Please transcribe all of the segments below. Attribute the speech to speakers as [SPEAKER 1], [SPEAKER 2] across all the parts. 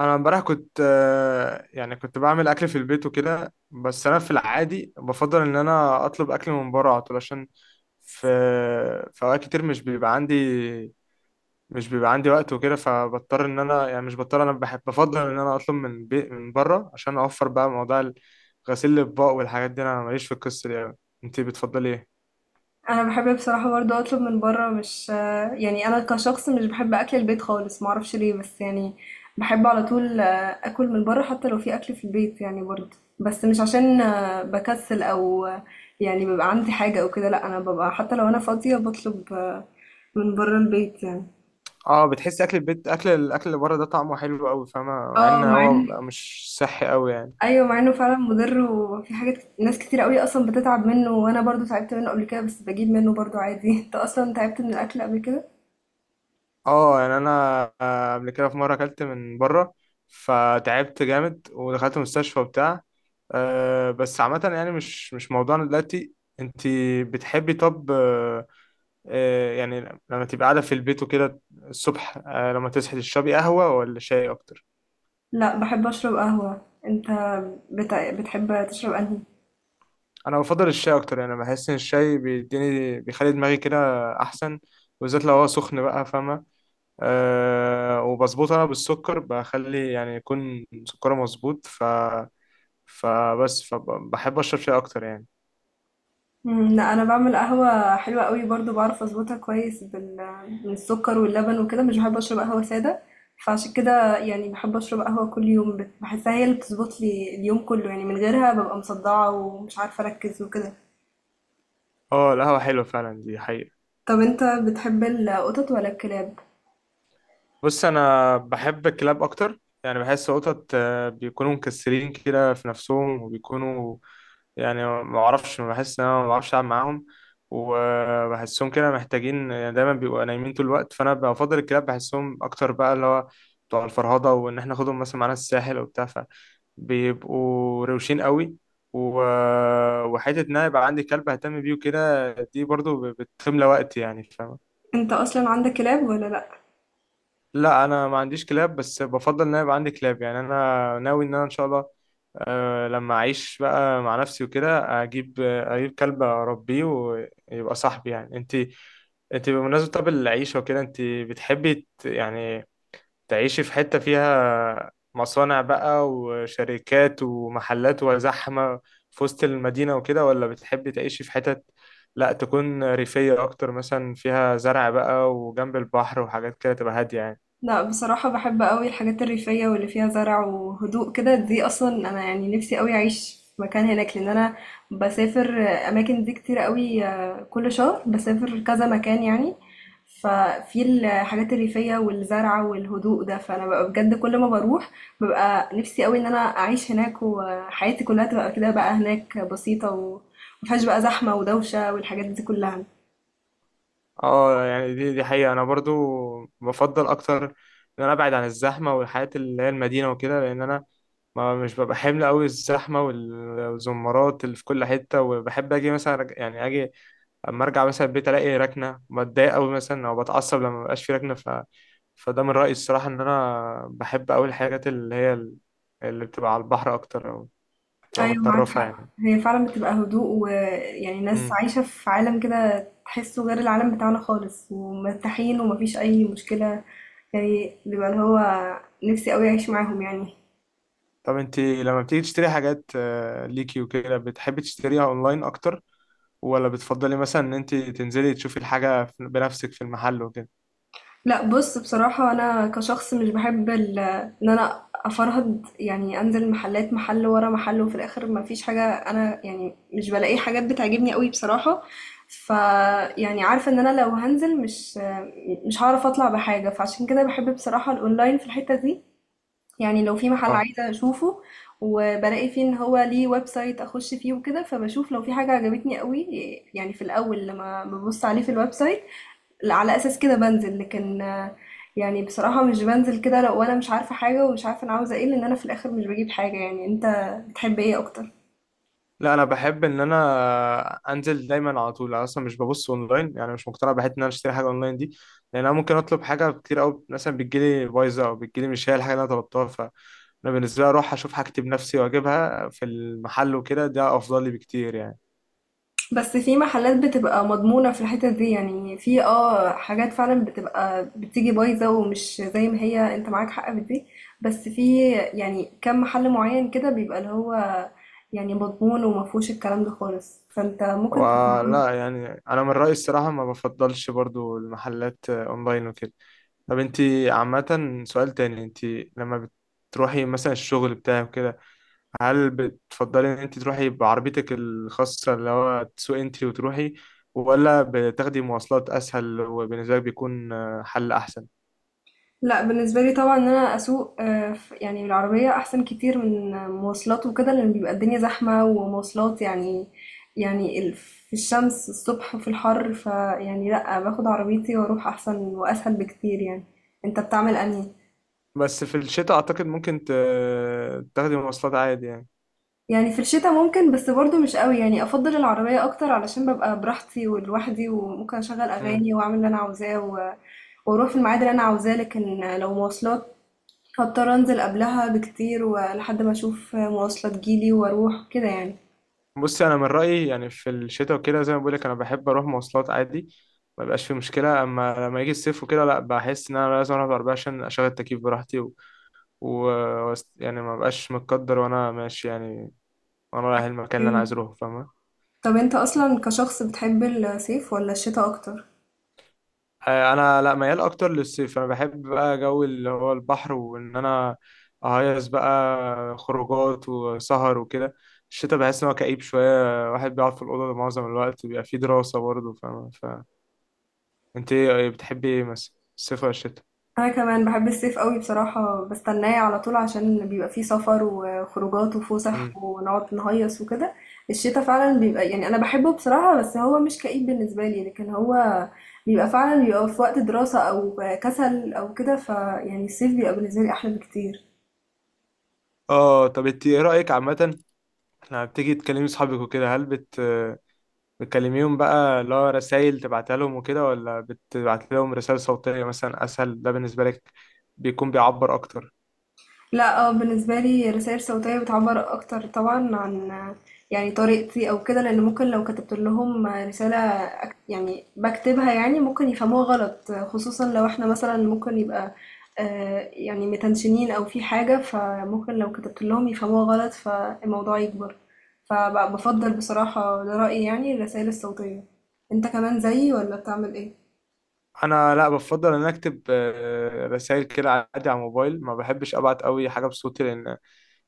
[SPEAKER 1] انا امبارح كنت يعني كنت بعمل اكل في البيت وكده. بس انا في العادي بفضل ان انا اطلب اكل من بره على طول، عشان في في اوقات كتير مش بيبقى عندي، وقت وكده، فبضطر ان انا، يعني مش بضطر انا بحب بفضل ان انا اطلب من بي من بره عشان اوفر بقى موضوع غسيل الاطباق والحاجات دي. انا ماليش في القصه دي أوي. انتي بتفضلي ايه؟
[SPEAKER 2] انا بحب بصراحه برضه اطلب من بره، مش يعني انا كشخص مش بحب اكل البيت خالص، ما اعرفش ليه بس يعني بحب على طول اكل من بره حتى لو في اكل في البيت يعني برضه، بس مش عشان بكسل او يعني بيبقى عندي حاجه او كده. لا انا ببقى حتى لو انا فاضيه بطلب من بره البيت يعني.
[SPEAKER 1] اه، بتحسي اكل البيت اكل الاكل اللي بره ده طعمه حلو قوي، فاهمه؟ مع
[SPEAKER 2] اه
[SPEAKER 1] ان
[SPEAKER 2] مع ان،
[SPEAKER 1] هو مش صحي قوي يعني.
[SPEAKER 2] ايوه مع انه فعلا مضر وفي ناس كتير قوي اصلا بتتعب منه، وانا برضه تعبت منه قبل كده بس بجيب منه برضه عادي. انت اصلا تعبت من الاكل قبل كده؟
[SPEAKER 1] اه، يعني انا قبل كده في مره اكلت من بره فتعبت جامد ودخلت مستشفى وبتاع. أه بس عامه يعني مش موضوعنا دلوقتي. انت بتحبي، طب أه، يعني لما تبقى قاعده في البيت وكده الصبح، أه، لما تصحي تشربي قهوه ولا شاي اكتر؟
[SPEAKER 2] لأ، باحب أشرب قهوة. أنت بتحب تشرب أنهي؟
[SPEAKER 1] انا بفضل الشاي اكتر، يعني بحس ان الشاي بيديني بيخلي دماغي كده احسن، بالذات لو هو سخن بقى، فاهمه؟ أه وبظبطه انا بالسكر، بخلي يعني يكون سكره مظبوط، ف فبس فبحب اشرب شاي اكتر يعني.
[SPEAKER 2] إمم، لأ، أنا باعمل قهوة حلوة أوي برضه، باعرف أضبطها كويس بالسكر واللبن وكده، مش باحب أشرب قهوة سادة، فعشان كده يعني باحب أشرب قهوة كل يوم، باحسها هي اللي بتضبط لي اليوم كله، يعني من غيرها بابقى مصدعة ومش عارفة أركّز وكده.
[SPEAKER 1] اه، القهوة حلوة فعلا، دي حقيقة.
[SPEAKER 2] طَب أنت بتحب القطط والّا الكلاب؟
[SPEAKER 1] بص انا بحب الكلاب اكتر، يعني بحس قطط بيكونوا مكسرين كده في نفسهم وبيكونوا يعني ما اعرفش، ما بحس ان انا ما بعرفش العب معاهم وبحسهم كده محتاجين، يعني دايما بيبقوا نايمين طول الوقت. فانا بفضل الكلاب، بحسهم اكتر بقى، اللي هو بتوع الفرهضه وان احنا ناخدهم مثلا معانا الساحل وبتاع، فبيبقوا روشين قوي. و... وحته ان انا يبقى عندي كلب اهتم بيه وكده دي برضو بتملى وقتي، يعني فاهم؟
[SPEAKER 2] أنت أصلًا عندك كلاب والّا لأ؟
[SPEAKER 1] لا انا ما عنديش كلاب، بس بفضل ان انا يبقى عندي كلاب، يعني انا ناوي ان انا ان شاء الله أه لما اعيش بقى مع نفسي وكده اجيب كلب اربيه ويبقى صاحبي. يعني انت، انت بمناسبة طب العيشة وكده، انت بتحبي يعني تعيشي في حتة فيها مصانع بقى وشركات ومحلات وزحمة في وسط المدينة وكده، ولا بتحبي تعيشي في حتت لا تكون ريفية اكتر، مثلا فيها زرع بقى وجنب البحر وحاجات كده تبقى هادية يعني؟
[SPEAKER 2] لا بصراحة بحب قوي الحاجات الريفية واللي فيها زرع وهدوء كده، دي أصلا أنا يعني نفسي قوي أعيش في مكان هناك، لأن أنا بسافر أماكن دي كتير قوي، كل شهر بسافر كذا مكان يعني. ففي الحاجات الريفية والزرع والهدوء ده، فأنا ببقى بجد كل ما بروح ببقى نفسي قوي إن أنا أعيش هناك وحياتي كلها تبقى كده بقى هناك بسيطة ومفيهاش بقى زحمة ودوشة والحاجات دي كلها.
[SPEAKER 1] اه، يعني دي حقيقة، انا برضو بفضل اكتر ان انا ابعد عن الزحمة والحياة اللي هي المدينة وكده، لان انا ما مش ببقى حمل قوي الزحمة والزمارات اللي في كل حتة، وبحب اجي مثلا يعني اجي اما ارجع مثلا البيت الاقي ركنة، بتضايق قوي مثلا او بتعصب لما مبقاش في ركنة. فده من رأيي الصراحة، ان انا بحب قوي الحاجات اللي هي اللي بتبقى على البحر اكتر او بتبقى
[SPEAKER 2] ايوه معاك
[SPEAKER 1] متطرفة
[SPEAKER 2] حق،
[SPEAKER 1] يعني.
[SPEAKER 2] هي فعلا بتبقى هدوء ويعني ناس
[SPEAKER 1] مم.
[SPEAKER 2] عايشة في عالم كده تحسه غير العالم بتاعنا خالص، ومرتاحين ومفيش اي مشكلة. يعني بيبقى اللي هو نفسي قوي اعيش معاهم يعني.
[SPEAKER 1] طب انت لما بتيجي تشتري حاجات ليكي وكده، بتحبي تشتريها اونلاين اكتر ولا بتفضلي مثلا ان انت تنزلي تشوفي الحاجة بنفسك في المحل وكده؟
[SPEAKER 2] لأ بُص، بصراحة أنا كشخص مش باحب إن أنا أفرهد، يعني أنزل محلات محل ورا محل وفي الآخر ما فيش حاجة. أنا يعني مش بالاقي حاجات بتعجبني أوي بصراحة، فيعني عارفة إن أنا لو هانزل مش هاعرف أطلع بحاجة، فعشان كده باحب بصراحة الأونلاين في الحتة دي، يعني لو في محل
[SPEAKER 1] اه،
[SPEAKER 2] عايزة أشوفه وبالاقي فيه إن هو ليه website أخش فيه وكده، فباشوف لو في حاجة عجبتني أوي، يعني في الأول لمّا بابُص عليه في الwebsite لا، على اساس كده بنزل. لكن يعني بصراحة مش بنزل كده لو وانا مش عارفة حاجة ومش عارفة انا عاوزة ايه، لان انا في الاخر مش بجيب حاجة يعني. انت بتحب ايه اكتر؟
[SPEAKER 1] لا انا بحب ان انا انزل دايما على طول. انا اصلا مش ببص اونلاين، يعني مش مقتنع بحته ان انا اشتري حاجه اونلاين دي، لان انا ممكن اطلب حاجه كتير قوي مثلا بتجيلي بايظه او بتجيلي مش هي الحاجه اللي انا طلبتها. فانا بالنسبه لي اروح اشوف حاجتي بنفسي واجيبها في المحل وكده، ده افضل لي بكتير يعني.
[SPEAKER 2] بس في محلات بتبقى مضمونة في الحتة دي، يعني في اه حاجات فعلا بتبقى بتيجي بايظة ومش زي ما هي، انت معاك حق في دي، بس في يعني كم محل معين كده بيبقى اللي هو يعني مضمون ومفهوش الكلام ده خالص، فانت ممكن.
[SPEAKER 1] ولا يعني انا من رأيي الصراحة ما بفضلش برضو المحلات اونلاين وكده. طب انت عامة، سؤال تاني، انت لما بتروحي مثلا الشغل بتاعك كده، هل بتفضلي ان انت تروحي بعربيتك الخاصة، اللي هو تسوقي انت وتروحي، ولا بتاخدي مواصلات اسهل وبالنسبة لك بيكون حل احسن؟
[SPEAKER 2] لا بالنسبة لي طبعا ان انا اسوق يعني بالعربية احسن كتير من مواصلات وكده، لان بيبقى الدنيا زحمة ومواصلات يعني، يعني في الشمس الصبح وفي الحر، فيعني لا باخد عربيتي واروح احسن واسهل بكتير يعني. انت بتعمل انهي؟
[SPEAKER 1] بس في الشتاء اعتقد ممكن تاخدي مواصلات عادي
[SPEAKER 2] يعني في الشتاء ممكن بس برضو مش قوي، يعني افضل العربية اكتر علشان ببقى براحتي ولوحدي وممكن اشغل
[SPEAKER 1] يعني.
[SPEAKER 2] اغاني واعمل اللي انا عاوزاه، و واروح في الميعاد اللي انا عاوزاه. لكن لو مواصلات هاضطر أنزل قبلها بكتير ولحد ما أشوف مواصلة تجيلي وأروح كده يعني.
[SPEAKER 1] بص انا من رايي يعني في الشتاء وكده زي ما بقولك انا بحب اروح مواصلات عادي، ما بيبقاش في مشكله. اما لما يجي الصيف وكده لا، بحس ان انا لازم اروح بعربيه عشان اشغل التكييف براحتي و... يعني ما بقاش متقدر وانا ماشي يعني، وانا رايح المكان اللي انا عايز
[SPEAKER 2] إمم.
[SPEAKER 1] اروحه، فاهمه؟
[SPEAKER 2] طب أنت أصلًا كشخص بتحب الصيف والّا الشتا أكتر؟
[SPEAKER 1] انا لا ميال اكتر للصيف، انا بحب بقى جو اللي هو البحر وان انا اهيص بقى، خروجات وسهر وكده. الشتاء بحس ان هو كئيب شويه، واحد بيقعد في الاوضه معظم الوقت، بيبقى فيه دراسه برضه، فاهمه؟ انت ايه، بتحبي ايه مثلا، الصيف ولا الشتاء؟
[SPEAKER 2] أنا كمان باحب الصيف أوي بصراحة، باستناه على طول عشان بيبقى فيه سفر وخروجات وفُسح
[SPEAKER 1] امم،
[SPEAKER 2] ونقعد نهيص وكده. الشتا فعلًا بيبقى يعني أنا باحبه بصراحة، بس هو مش كئيب بالنسبة لي، لكن هو بيبقى فعلًا في وقت دراسة أو كسل أو كده، فيعني الصيف بيبقى بالنسبة لي أحلى بكتير.
[SPEAKER 1] اه، طب انت ايه رايك عامه، لما بتيجي تكلمي صحابك وكده هل بتكلميهم بقى اللي هو رسايل تبعتها لهم وكده، ولا بتبعت لهم رسائل صوتيه مثلا اسهل، ده بالنسبه لك بيكون بيعبر اكتر؟
[SPEAKER 2] لأ، بالنسبة لي الرسايل الصوتية بتعبّر أكتر طبعًا عن يعني طريقتي أو كده، لإن ممكن لو كتبت لهم رسالة، يعني باكتبها يعني ممكن يفهموها غلط، خصوصًا لو إحنا مثلًا ممكن يبقى يعني متنشنين أو في حاجة، فممكن لو كتبت لهم يفهموها غلط فالموضوع يكبر، فب بافضّل بصراحة ده رأيي يعني الرسايل الصوتية. أنت كمان زيي والّا بتعمل إيه؟
[SPEAKER 1] انا لا بفضل ان أنا اكتب رسائل كده عادي على الموبايل، ما بحبش ابعت قوي حاجه بصوتي، لان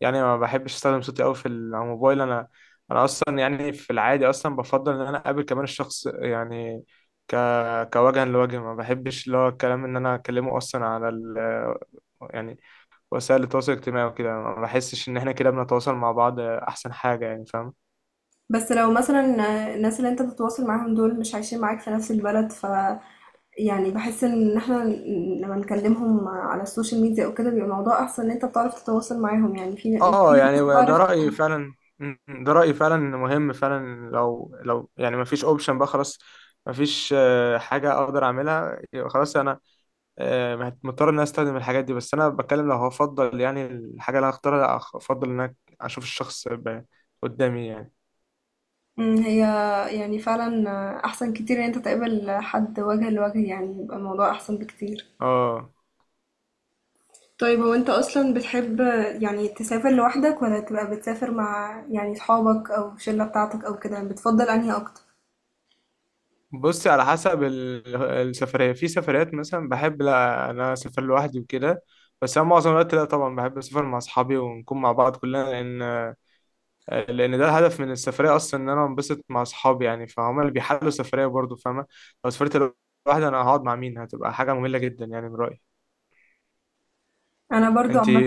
[SPEAKER 1] يعني ما بحبش استخدم صوتي قوي على الموبايل. انا انا اصلا يعني في العادي اصلا بفضل ان انا اقابل كمان الشخص، يعني ك كوجها لوجه، ما بحبش اللي هو الكلام ان انا اكلمه اصلا على ال يعني وسائل التواصل الاجتماعي وكده، ما بحسش ان احنا كده بنتواصل مع بعض احسن حاجة، يعني فاهم؟
[SPEAKER 2] بس لو مثلا الناس اللي انت بتتواصل معاهم دول مش عايشين معاك في نفس البلد، ف يعني بحس ان احنا لما نكلمهم على السوشيال ميديا او كده بيبقى الموضوع احسن، ان انت بتعرف تتواصل معاهم، يعني في مش كل
[SPEAKER 1] اه، يعني
[SPEAKER 2] الناس
[SPEAKER 1] ده
[SPEAKER 2] بتعرف.
[SPEAKER 1] رأيي فعلا، ده رأيي فعلا مهم فعلا. لو يعني ما فيش اوبشن بقى خلاص، ما فيش حاجة اقدر اعملها، يبقى خلاص انا مضطر ان انا استخدم الحاجات دي. بس انا بتكلم لو هفضل يعني الحاجه اللي انا اختارها، افضل ان انا اشوف الشخص قدامي يعني.
[SPEAKER 2] مم، هي يعني فعلا احسن كتير ان انت تقابل حد وجه لوجه، يعني بيبقى الموضوع احسن بكتير.
[SPEAKER 1] اه،
[SPEAKER 2] طيب هو انت اصلا بتحب يعني تسافر لوحدك ولا تبقى بتسافر مع يعني صحابك او الشلة بتاعتك او كده؟ بتفضل انهي اكتر؟
[SPEAKER 1] بصي على حسب السفريه. في سفريات مثلا بحب لا، انا اسافر لوحدي وكده، بس انا معظم الوقت لا طبعا بحب اسافر مع اصحابي ونكون مع بعض كلنا، لان لان ده الهدف من السفريه اصلا، ان انا انبسط مع اصحابي يعني، فهم اللي بيحلوا السفريه برضه، فاهمه؟ لو سافرت لوحدي انا هقعد مع مين؟ هتبقى حاجه ممله جدا يعني، من رايي.
[SPEAKER 2] انا برضو
[SPEAKER 1] انت،
[SPEAKER 2] عامه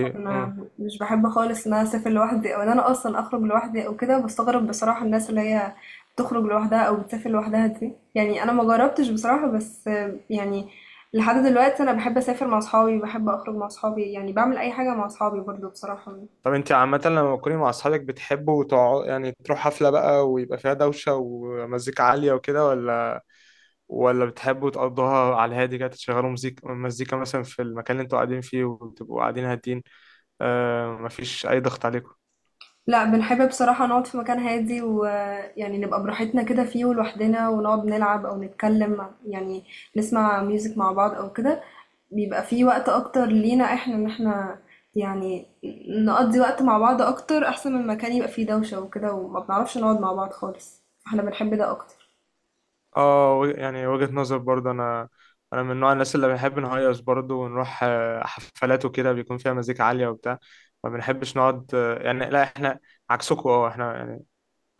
[SPEAKER 2] مش بحب خالص ان انا اسافر لوحدي او ان انا اصلا اخرج لوحدي او كده، بستغرب بصراحه الناس اللي هي بتخرج لوحدها او بتسافر لوحدها دي، يعني انا ما جربتش بصراحه، بس يعني لحد دلوقتي انا بحب اسافر مع اصحابي، بحب اخرج مع اصحابي، يعني بعمل اي حاجه مع اصحابي برضو بصراحه.
[SPEAKER 1] طب انت عامة لما تكوني مع اصحابك بتحبوا تقعدوا يعني تروح حفلة بقى ويبقى فيها دوشة ومزيكا عالية وكده، ولا بتحبوا تقضوها على الهادي كده، تشغلوا مزيكا مثلا في المكان اللي انتوا قاعدين فيه وتبقوا قاعدين هادين، آه، مفيش أي ضغط عليكم؟
[SPEAKER 2] لا بنحب بصراحة نقعد في مكان هادي، ويعني نبقى براحتنا كده فيه ولوحدنا، ونقعد نلعب أو يعني نسمع ميوزك مع بعض أو كده، بيبقى فيه وقت أكتر لينا احنا إن احنا يعني نقضي وقت مع بعض أكتر، أحسن من مكان يبقى فيه دوشة وكده وما بنعرفش نقعد مع بعض خالص. احنا بنحب ده أكتر.
[SPEAKER 1] اه يعني وجهة نظر برضه. أنا، أنا من نوع الناس اللي بنحب نهيص برضه ونروح حفلات وكده بيكون فيها مزيكا عالية وبتاع، ما بنحبش نقعد يعني، لا احنا عكسكم اه، احنا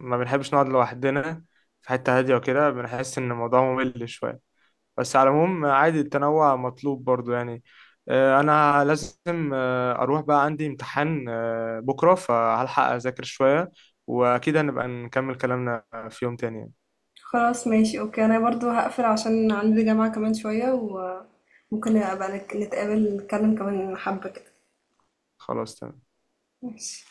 [SPEAKER 1] ما بنحبش نقعد لوحدنا في حتة هادية وكده، بنحس إن الموضوع ممل شوية. بس على العموم عادي، التنوع مطلوب برضو يعني. أنا لازم أروح، بقى عندي امتحان بكرة فهلحق أذاكر شوية، وأكيد هنبقى نكمل كلامنا في يوم تاني يعني.
[SPEAKER 2] خلاص ماشي أوكي، أنا برضو هقفل عشان عندي جامعة كمان شوية، وممكن أبقى نتقابل نتكلم كمان حبة كده.
[SPEAKER 1] خلاص تمام.
[SPEAKER 2] ماشي.